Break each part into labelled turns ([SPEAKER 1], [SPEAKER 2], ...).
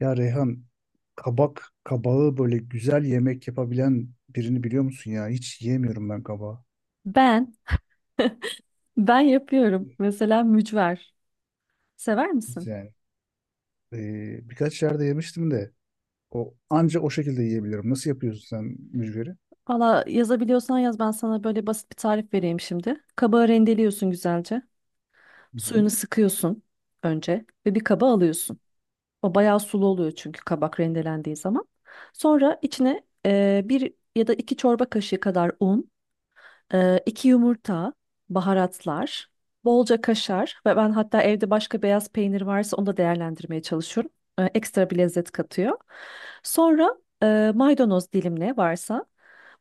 [SPEAKER 1] Ya Reyhan, kabağı böyle güzel yemek yapabilen birini biliyor musun ya? Hiç yiyemiyorum ben kabağı.
[SPEAKER 2] Ben, ben yapıyorum. Mesela mücver. Sever misin?
[SPEAKER 1] Yani birkaç yerde yemiştim de o anca o şekilde yiyebiliyorum. Nasıl yapıyorsun sen mücveri?
[SPEAKER 2] Valla yazabiliyorsan yaz ben sana böyle basit bir tarif vereyim şimdi. Kabağı rendeliyorsun güzelce.
[SPEAKER 1] Hı hı.
[SPEAKER 2] Suyunu sıkıyorsun önce ve bir kaba alıyorsun. O bayağı sulu oluyor çünkü kabak rendelendiği zaman. Sonra içine bir ya da iki çorba kaşığı kadar un. İki yumurta, baharatlar, bolca kaşar ve ben hatta evde başka beyaz peynir varsa onu da değerlendirmeye çalışıyorum. Ekstra bir lezzet katıyor. Sonra maydanoz dilimle varsa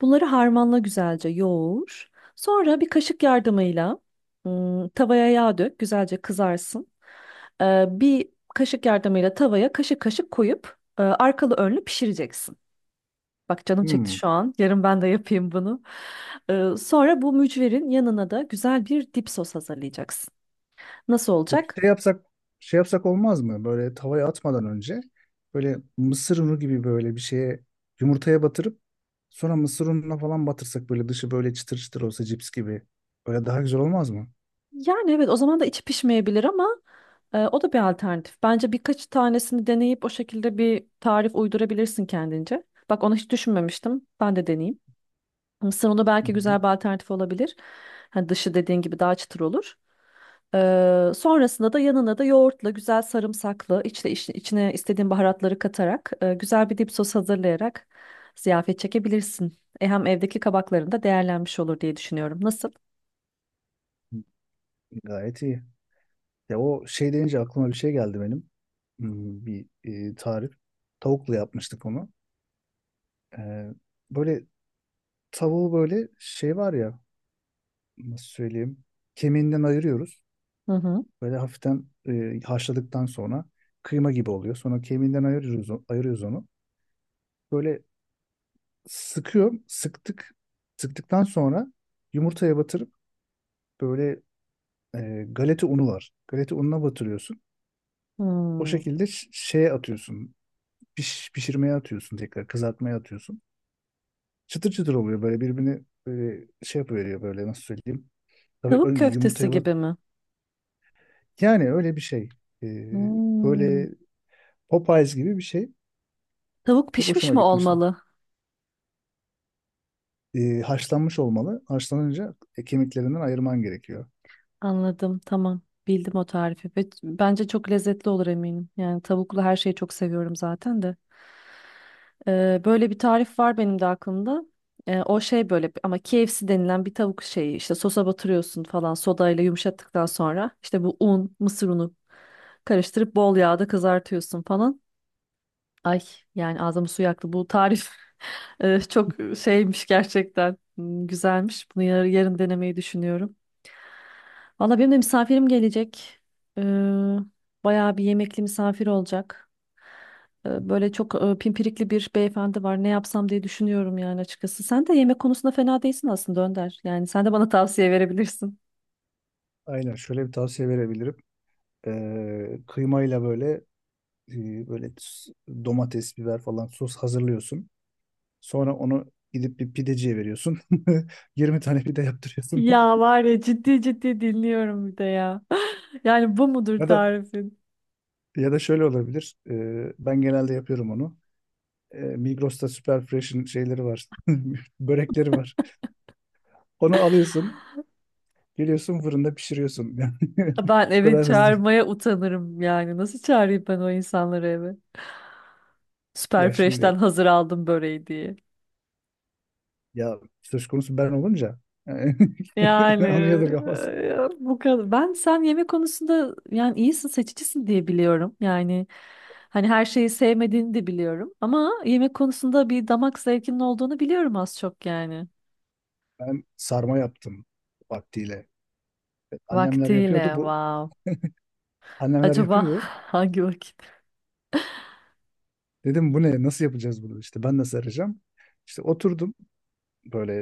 [SPEAKER 2] bunları harmanla güzelce yoğur. Sonra bir kaşık yardımıyla tavaya yağ dök, güzelce kızarsın. Bir kaşık yardımıyla tavaya kaşık kaşık koyup arkalı önlü pişireceksin. Bak canım çekti
[SPEAKER 1] Hmm.
[SPEAKER 2] şu an. Yarın ben de yapayım bunu. Sonra bu mücverin yanına da güzel bir dip sos hazırlayacaksın. Nasıl
[SPEAKER 1] Peki
[SPEAKER 2] olacak?
[SPEAKER 1] şey yapsak olmaz mı? Böyle tavaya atmadan önce böyle mısır unu gibi böyle bir şeye yumurtaya batırıp sonra mısır ununa falan batırsak böyle dışı böyle çıtır çıtır olsa cips gibi. Böyle daha güzel olmaz mı?
[SPEAKER 2] Yani evet o zaman da içi pişmeyebilir ama o da bir alternatif. Bence birkaç tanesini deneyip o şekilde bir tarif uydurabilirsin kendince. Bak onu hiç düşünmemiştim. Ben de deneyeyim. Mısır unu
[SPEAKER 1] hı
[SPEAKER 2] belki güzel
[SPEAKER 1] hı.
[SPEAKER 2] bir alternatif olabilir. Hani dışı dediğin gibi daha çıtır olur. Sonrasında da yanına da yoğurtla güzel sarımsaklı içine istediğin baharatları katarak güzel bir dip sos hazırlayarak ziyafet çekebilirsin. Hem evdeki kabakların da değerlenmiş olur diye düşünüyorum. Nasıl?
[SPEAKER 1] Gayet iyi. Ya, o şey deyince aklıma bir şey geldi benim. Bir tarif. Tavukla yapmıştık onu. Ee, böyle tavuğu, böyle şey var ya, nasıl söyleyeyim. Kemiğinden ayırıyoruz.
[SPEAKER 2] Hı hı.
[SPEAKER 1] Böyle hafiften haşladıktan sonra kıyma gibi oluyor. Sonra kemiğinden ayırıyoruz, ayırıyoruz onu. Böyle sıkıyorum. Sıktık. Sıktıktan sonra yumurtaya batırıp böyle galeta unu var. Galeta ununa batırıyorsun. O
[SPEAKER 2] Hmm.
[SPEAKER 1] şekilde şeye atıyorsun. Pişirmeye atıyorsun, tekrar kızartmaya atıyorsun. Çıtır çıtır oluyor böyle, birbirini böyle şey yapıveriyor böyle, nasıl söyleyeyim. Tabii
[SPEAKER 2] Tavuk
[SPEAKER 1] önce
[SPEAKER 2] köftesi
[SPEAKER 1] yumurtaya bat.
[SPEAKER 2] gibi mi?
[SPEAKER 1] Yani öyle bir şey. Ee,
[SPEAKER 2] Hmm.
[SPEAKER 1] böyle Popeyes gibi bir şey.
[SPEAKER 2] Tavuk
[SPEAKER 1] Çok
[SPEAKER 2] pişmiş
[SPEAKER 1] hoşuma
[SPEAKER 2] mi
[SPEAKER 1] gitmişti.
[SPEAKER 2] olmalı?
[SPEAKER 1] Haşlanmış olmalı. Haşlanınca kemiklerinden ayırman gerekiyor.
[SPEAKER 2] Anladım, tamam. Bildim o tarifi. Ve bence çok lezzetli olur eminim. Yani tavuklu her şeyi çok seviyorum zaten de. Böyle bir tarif var benim de aklımda. O şey böyle ama KFC denilen bir tavuk şeyi işte sosa batırıyorsun falan sodayla yumuşattıktan sonra işte bu un, mısır unu karıştırıp bol yağda kızartıyorsun falan. Ay yani ağzımı su yaktı. Bu tarif çok şeymiş gerçekten. Hmm, güzelmiş. Bunu yarın denemeyi düşünüyorum. Valla benim de misafirim gelecek. Ee, bayağı bir yemekli misafir olacak. Böyle çok pimpirikli bir beyefendi var. Ne yapsam diye düşünüyorum yani açıkçası. Sen de yemek konusunda fena değilsin aslında Önder. Yani sen de bana tavsiye verebilirsin.
[SPEAKER 1] Aynen, şöyle bir tavsiye verebilirim. Kıymayla böyle, böyle domates, biber falan sos hazırlıyorsun. Sonra onu gidip bir pideciye veriyorsun. 20 tane pide yaptırıyorsun.
[SPEAKER 2] Ya var ya ciddi ciddi dinliyorum bir de ya. Yani bu mudur
[SPEAKER 1] Ya da
[SPEAKER 2] tarifin?
[SPEAKER 1] Ya da şöyle olabilir. Ben genelde yapıyorum onu. Migros'ta Super Fresh'in şeyleri var. Börekleri var. Onu alıyorsun. Geliyorsun, fırında pişiriyorsun. Yani
[SPEAKER 2] Ben
[SPEAKER 1] bu
[SPEAKER 2] eve
[SPEAKER 1] kadar hızlı.
[SPEAKER 2] çağırmaya utanırım yani. Nasıl çağırayım ben o insanları eve?
[SPEAKER 1] Ya
[SPEAKER 2] Süperfresh'ten
[SPEAKER 1] şimdi,
[SPEAKER 2] hazır aldım böreği diye.
[SPEAKER 1] ya söz konusu ben olunca yani
[SPEAKER 2] Yani
[SPEAKER 1] onu yadırgamaz.
[SPEAKER 2] bu kadar. Ben sen yemek konusunda yani iyisin, seçicisin diye biliyorum. Yani hani her şeyi sevmediğini de biliyorum. Ama yemek konusunda bir damak zevkinin olduğunu biliyorum az çok yani.
[SPEAKER 1] Ben sarma yaptım vaktiyle. Annemler yapıyordu.
[SPEAKER 2] Vaktiyle,
[SPEAKER 1] Bu
[SPEAKER 2] wow.
[SPEAKER 1] annemler
[SPEAKER 2] Acaba
[SPEAKER 1] yapıyordu.
[SPEAKER 2] hangi vakit?
[SPEAKER 1] Dedim bu ne? Nasıl yapacağız bunu? İşte ben nasıl arayacağım? İşte oturdum böyle,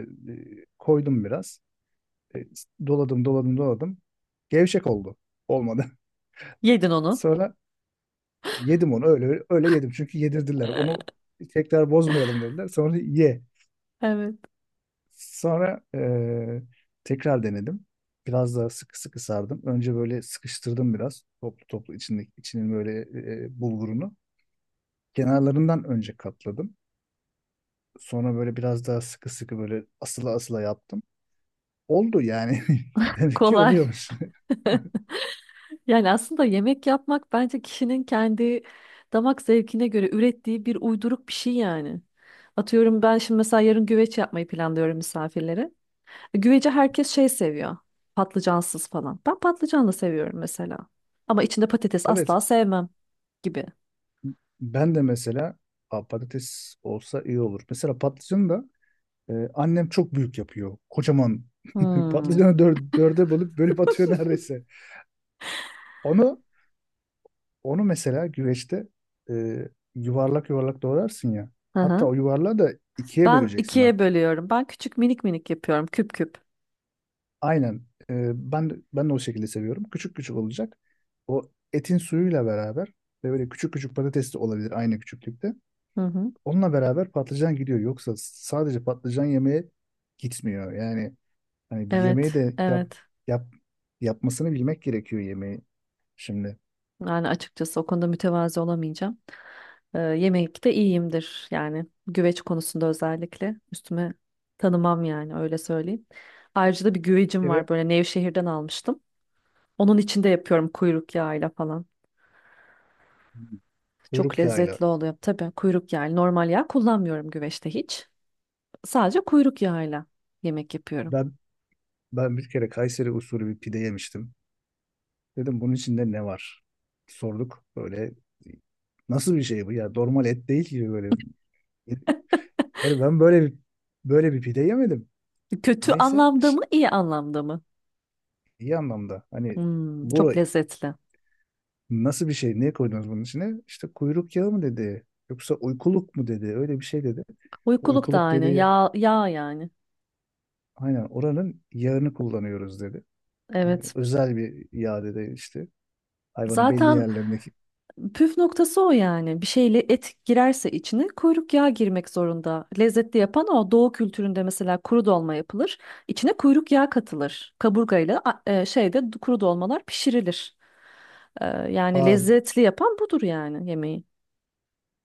[SPEAKER 1] koydum biraz. E, doladım doladım doladım. Gevşek oldu. Olmadı.
[SPEAKER 2] Yedin onu.
[SPEAKER 1] Sonra yedim onu, öyle öyle yedim. Çünkü yedirdiler. Onu tekrar bozmayalım dediler. Sonra ye.
[SPEAKER 2] Evet.
[SPEAKER 1] Sonra tekrar denedim. Biraz daha sıkı sıkı sardım. Önce böyle sıkıştırdım biraz. Toplu toplu içinin böyle bulgurunu. Kenarlarından önce katladım. Sonra böyle biraz daha sıkı sıkı, böyle asıla asıla yaptım. Oldu yani. Demek ki
[SPEAKER 2] Kolay.
[SPEAKER 1] oluyormuş.
[SPEAKER 2] Yani aslında yemek yapmak bence kişinin kendi damak zevkine göre ürettiği bir uyduruk bir şey yani. Atıyorum ben şimdi mesela yarın güveç yapmayı planlıyorum misafirlere. Güveci herkes şey seviyor. Patlıcansız falan. Ben patlıcanlı seviyorum mesela. Ama içinde patates
[SPEAKER 1] Evet.
[SPEAKER 2] asla sevmem gibi.
[SPEAKER 1] Ben de mesela, "Aa, patates olsa iyi olur." Mesela patlıcanı da annem çok büyük yapıyor. Kocaman
[SPEAKER 2] Hmm.
[SPEAKER 1] patlıcanı dörde bölüp bölüp atıyor neredeyse. Onu onu mesela güveçte e, yuvarlak yuvarlak doğrarsın ya.
[SPEAKER 2] Hı
[SPEAKER 1] Hatta
[SPEAKER 2] hı.
[SPEAKER 1] o yuvarlağı da ikiye
[SPEAKER 2] Ben
[SPEAKER 1] böleceksin
[SPEAKER 2] ikiye
[SPEAKER 1] hatta.
[SPEAKER 2] bölüyorum. Ben küçük minik minik yapıyorum. Küp küp.
[SPEAKER 1] Aynen. Ben de o şekilde seviyorum. Küçük küçük olacak. O, etin suyuyla beraber ve böyle küçük küçük patates de olabilir, aynı küçüklükte.
[SPEAKER 2] Hı hı.
[SPEAKER 1] Onunla beraber patlıcan gidiyor. Yoksa sadece patlıcan yemeye gitmiyor. Yani hani bir yemeği
[SPEAKER 2] Evet,
[SPEAKER 1] de
[SPEAKER 2] evet.
[SPEAKER 1] yap, yapmasını bilmek gerekiyor yemeği. Şimdi
[SPEAKER 2] Yani açıkçası o konuda mütevazi olamayacağım. Yemekte iyiyimdir yani güveç konusunda özellikle üstüme tanımam yani öyle söyleyeyim. Ayrıca da bir güvecim
[SPEAKER 1] bir kere
[SPEAKER 2] var böyle Nevşehir'den almıştım. Onun içinde yapıyorum kuyruk yağıyla falan. Çok
[SPEAKER 1] kuyruk yağıyla,
[SPEAKER 2] lezzetli oluyor tabii kuyruk yağı. Yani normal yağ kullanmıyorum güveçte hiç. Sadece kuyruk yağıyla yemek yapıyorum.
[SPEAKER 1] ben ben bir kere Kayseri usulü bir pide yemiştim. Dedim, bunun içinde ne var? Sorduk böyle, nasıl bir şey bu ya, normal et değil ki böyle. Yani ben böyle bir pide yemedim.
[SPEAKER 2] Kötü
[SPEAKER 1] Neyse
[SPEAKER 2] anlamda mı iyi anlamda mı?
[SPEAKER 1] iyi anlamda. Hani
[SPEAKER 2] Hmm,
[SPEAKER 1] bura
[SPEAKER 2] çok lezzetli.
[SPEAKER 1] nasıl bir şey? Ne koydunuz bunun içine? İşte kuyruk yağı mı dedi, yoksa uykuluk mu dedi? Öyle bir şey dedi. Bu,
[SPEAKER 2] Uykuluk da
[SPEAKER 1] uykuluk
[SPEAKER 2] aynı
[SPEAKER 1] dedi.
[SPEAKER 2] yağ yani.
[SPEAKER 1] Aynen oranın yağını kullanıyoruz dedi. Yani
[SPEAKER 2] Evet.
[SPEAKER 1] özel bir yağ dedi işte. Hayvanın belli
[SPEAKER 2] Zaten
[SPEAKER 1] yerlerindeki.
[SPEAKER 2] püf noktası o yani. Bir şeyle et girerse içine kuyruk yağı girmek zorunda. Lezzetli yapan o. Doğu kültüründe mesela kuru dolma yapılır. İçine kuyruk yağı katılır. Kaburgayla şeyde kuru dolmalar pişirilir. E, yani
[SPEAKER 1] Aa,
[SPEAKER 2] lezzetli yapan budur yani yemeği.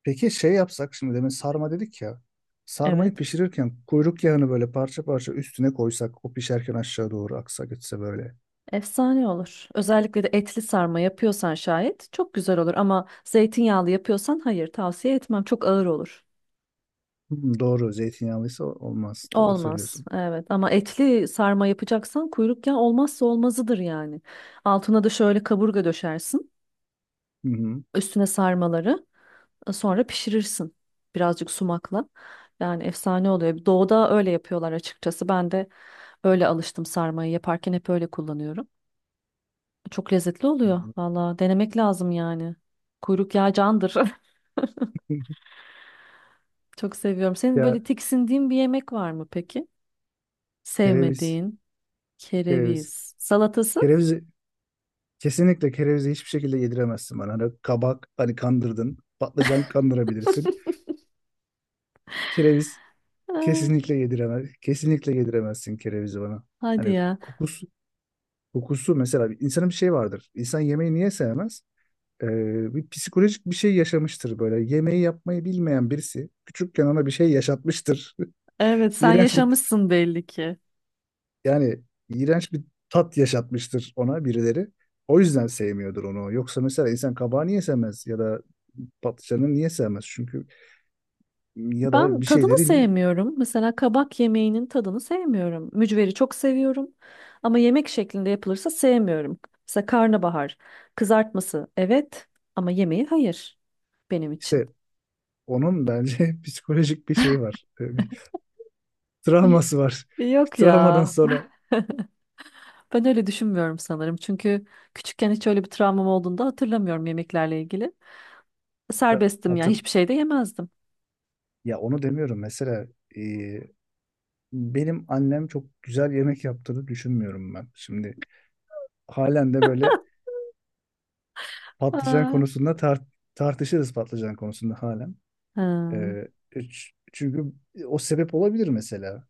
[SPEAKER 1] peki şey yapsak, şimdi demin sarma dedik ya. Sarmayı
[SPEAKER 2] Evet.
[SPEAKER 1] pişirirken kuyruk yağını böyle parça parça üstüne koysak, o pişerken aşağı doğru aksa gitse böyle.
[SPEAKER 2] Efsane olur. Özellikle de etli sarma yapıyorsan şayet çok güzel olur ama zeytinyağlı yapıyorsan hayır tavsiye etmem. Çok ağır olur.
[SPEAKER 1] Doğru, zeytinyağlıysa olmaz. Doğru
[SPEAKER 2] Olmaz.
[SPEAKER 1] söylüyorsun.
[SPEAKER 2] Evet ama etli sarma yapacaksan kuyruk yağı olmazsa olmazıdır yani. Altına da şöyle kaburga döşersin.
[SPEAKER 1] Hı hı.
[SPEAKER 2] Üstüne sarmaları sonra pişirirsin birazcık sumakla. Yani efsane oluyor. Doğuda öyle yapıyorlar açıkçası. Ben de öyle alıştım sarmayı yaparken hep öyle kullanıyorum. Çok lezzetli oluyor.
[SPEAKER 1] Anladım.
[SPEAKER 2] Valla denemek lazım yani. Kuyruk yağı candır. Çok seviyorum. Senin
[SPEAKER 1] Ya
[SPEAKER 2] böyle tiksindiğin bir yemek var mı peki?
[SPEAKER 1] kereviz,
[SPEAKER 2] Sevmediğin
[SPEAKER 1] kereviz.
[SPEAKER 2] kereviz salatası?
[SPEAKER 1] Kereviz. Kesinlikle kerevizi hiçbir şekilde yediremezsin bana. Hani kabak, hani kandırdın. Patlıcan kandırabilirsin. Kereviz kesinlikle yediremez. Kesinlikle yediremezsin kerevizi bana.
[SPEAKER 2] Hadi
[SPEAKER 1] Hani
[SPEAKER 2] ya.
[SPEAKER 1] kokusu kokusu mesela, bir insanın bir şey vardır. İnsan yemeği niye sevmez? Bir psikolojik bir şey yaşamıştır böyle. Yemeği yapmayı bilmeyen birisi küçükken ona bir şey yaşatmıştır.
[SPEAKER 2] Evet, sen
[SPEAKER 1] İğrenç bir
[SPEAKER 2] yaşamışsın belli ki.
[SPEAKER 1] Yani iğrenç bir tat yaşatmıştır ona birileri. O yüzden sevmiyordur onu. Yoksa mesela insan kabağı niye sevmez ya da patlıcanı niye sevmez? Çünkü, ya
[SPEAKER 2] Ben
[SPEAKER 1] da bir
[SPEAKER 2] tadını
[SPEAKER 1] şeyleri niye?
[SPEAKER 2] sevmiyorum. Mesela kabak yemeğinin tadını sevmiyorum. Mücveri çok seviyorum. Ama yemek şeklinde yapılırsa sevmiyorum. Mesela karnabahar, kızartması evet ama yemeği hayır benim için.
[SPEAKER 1] İşte onun bence psikolojik bir şeyi var. Bir
[SPEAKER 2] Y-
[SPEAKER 1] travması var. Bir
[SPEAKER 2] Yok
[SPEAKER 1] travmadan
[SPEAKER 2] ya.
[SPEAKER 1] sonra,
[SPEAKER 2] Ben öyle düşünmüyorum sanırım. Çünkü küçükken hiç öyle bir travmam olduğunu da hatırlamıyorum yemeklerle ilgili.
[SPEAKER 1] ya,
[SPEAKER 2] Serbesttim yani hiçbir şey de yemezdim.
[SPEAKER 1] ya onu demiyorum. Mesela e, benim annem çok güzel yemek yaptığını düşünmüyorum ben. Şimdi halen de böyle patlıcan
[SPEAKER 2] Ha.
[SPEAKER 1] konusunda tartışırız patlıcan konusunda halen.
[SPEAKER 2] Ha.
[SPEAKER 1] Ee, Çünkü o sebep olabilir mesela.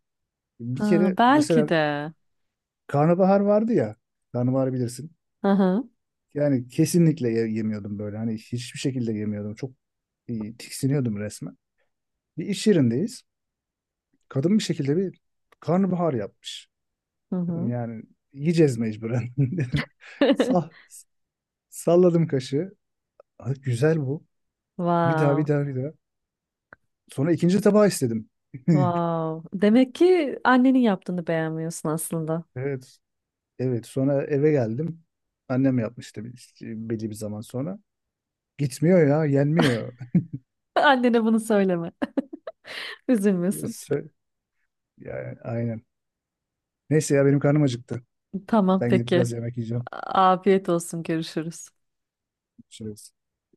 [SPEAKER 1] Bir
[SPEAKER 2] Ha,
[SPEAKER 1] kere
[SPEAKER 2] belki
[SPEAKER 1] mesela
[SPEAKER 2] de.
[SPEAKER 1] karnabahar vardı ya. Karnabahar bilirsin.
[SPEAKER 2] Hı hı.
[SPEAKER 1] Yani kesinlikle yemiyordum böyle. Hani hiçbir şekilde yemiyordum. Çok tiksiniyordum resmen. Bir iş yerindeyiz. Kadın bir şekilde bir karnabahar yapmış.
[SPEAKER 2] Hı
[SPEAKER 1] Dedim
[SPEAKER 2] hı.
[SPEAKER 1] yani yiyeceğiz mecburen dedim. Sal, salladım kaşığı. "Ay, güzel bu. Bir daha, bir
[SPEAKER 2] Wow.
[SPEAKER 1] daha, bir daha." Sonra ikinci tabağı istedim.
[SPEAKER 2] Wow. Demek ki annenin yaptığını beğenmiyorsun aslında.
[SPEAKER 1] Evet. Evet, sonra eve geldim. Annem yapmıştı belli bir zaman sonra. Gitmiyor ya, yenmiyor.
[SPEAKER 2] Annene bunu söyleme. Üzülmesin.
[SPEAKER 1] Sö- Yani, aynen. Neyse ya, benim karnım acıktı.
[SPEAKER 2] Tamam
[SPEAKER 1] Ben gidip
[SPEAKER 2] peki.
[SPEAKER 1] biraz yemek yiyeceğim.
[SPEAKER 2] Afiyet olsun. Görüşürüz.
[SPEAKER 1] Görüşürüz.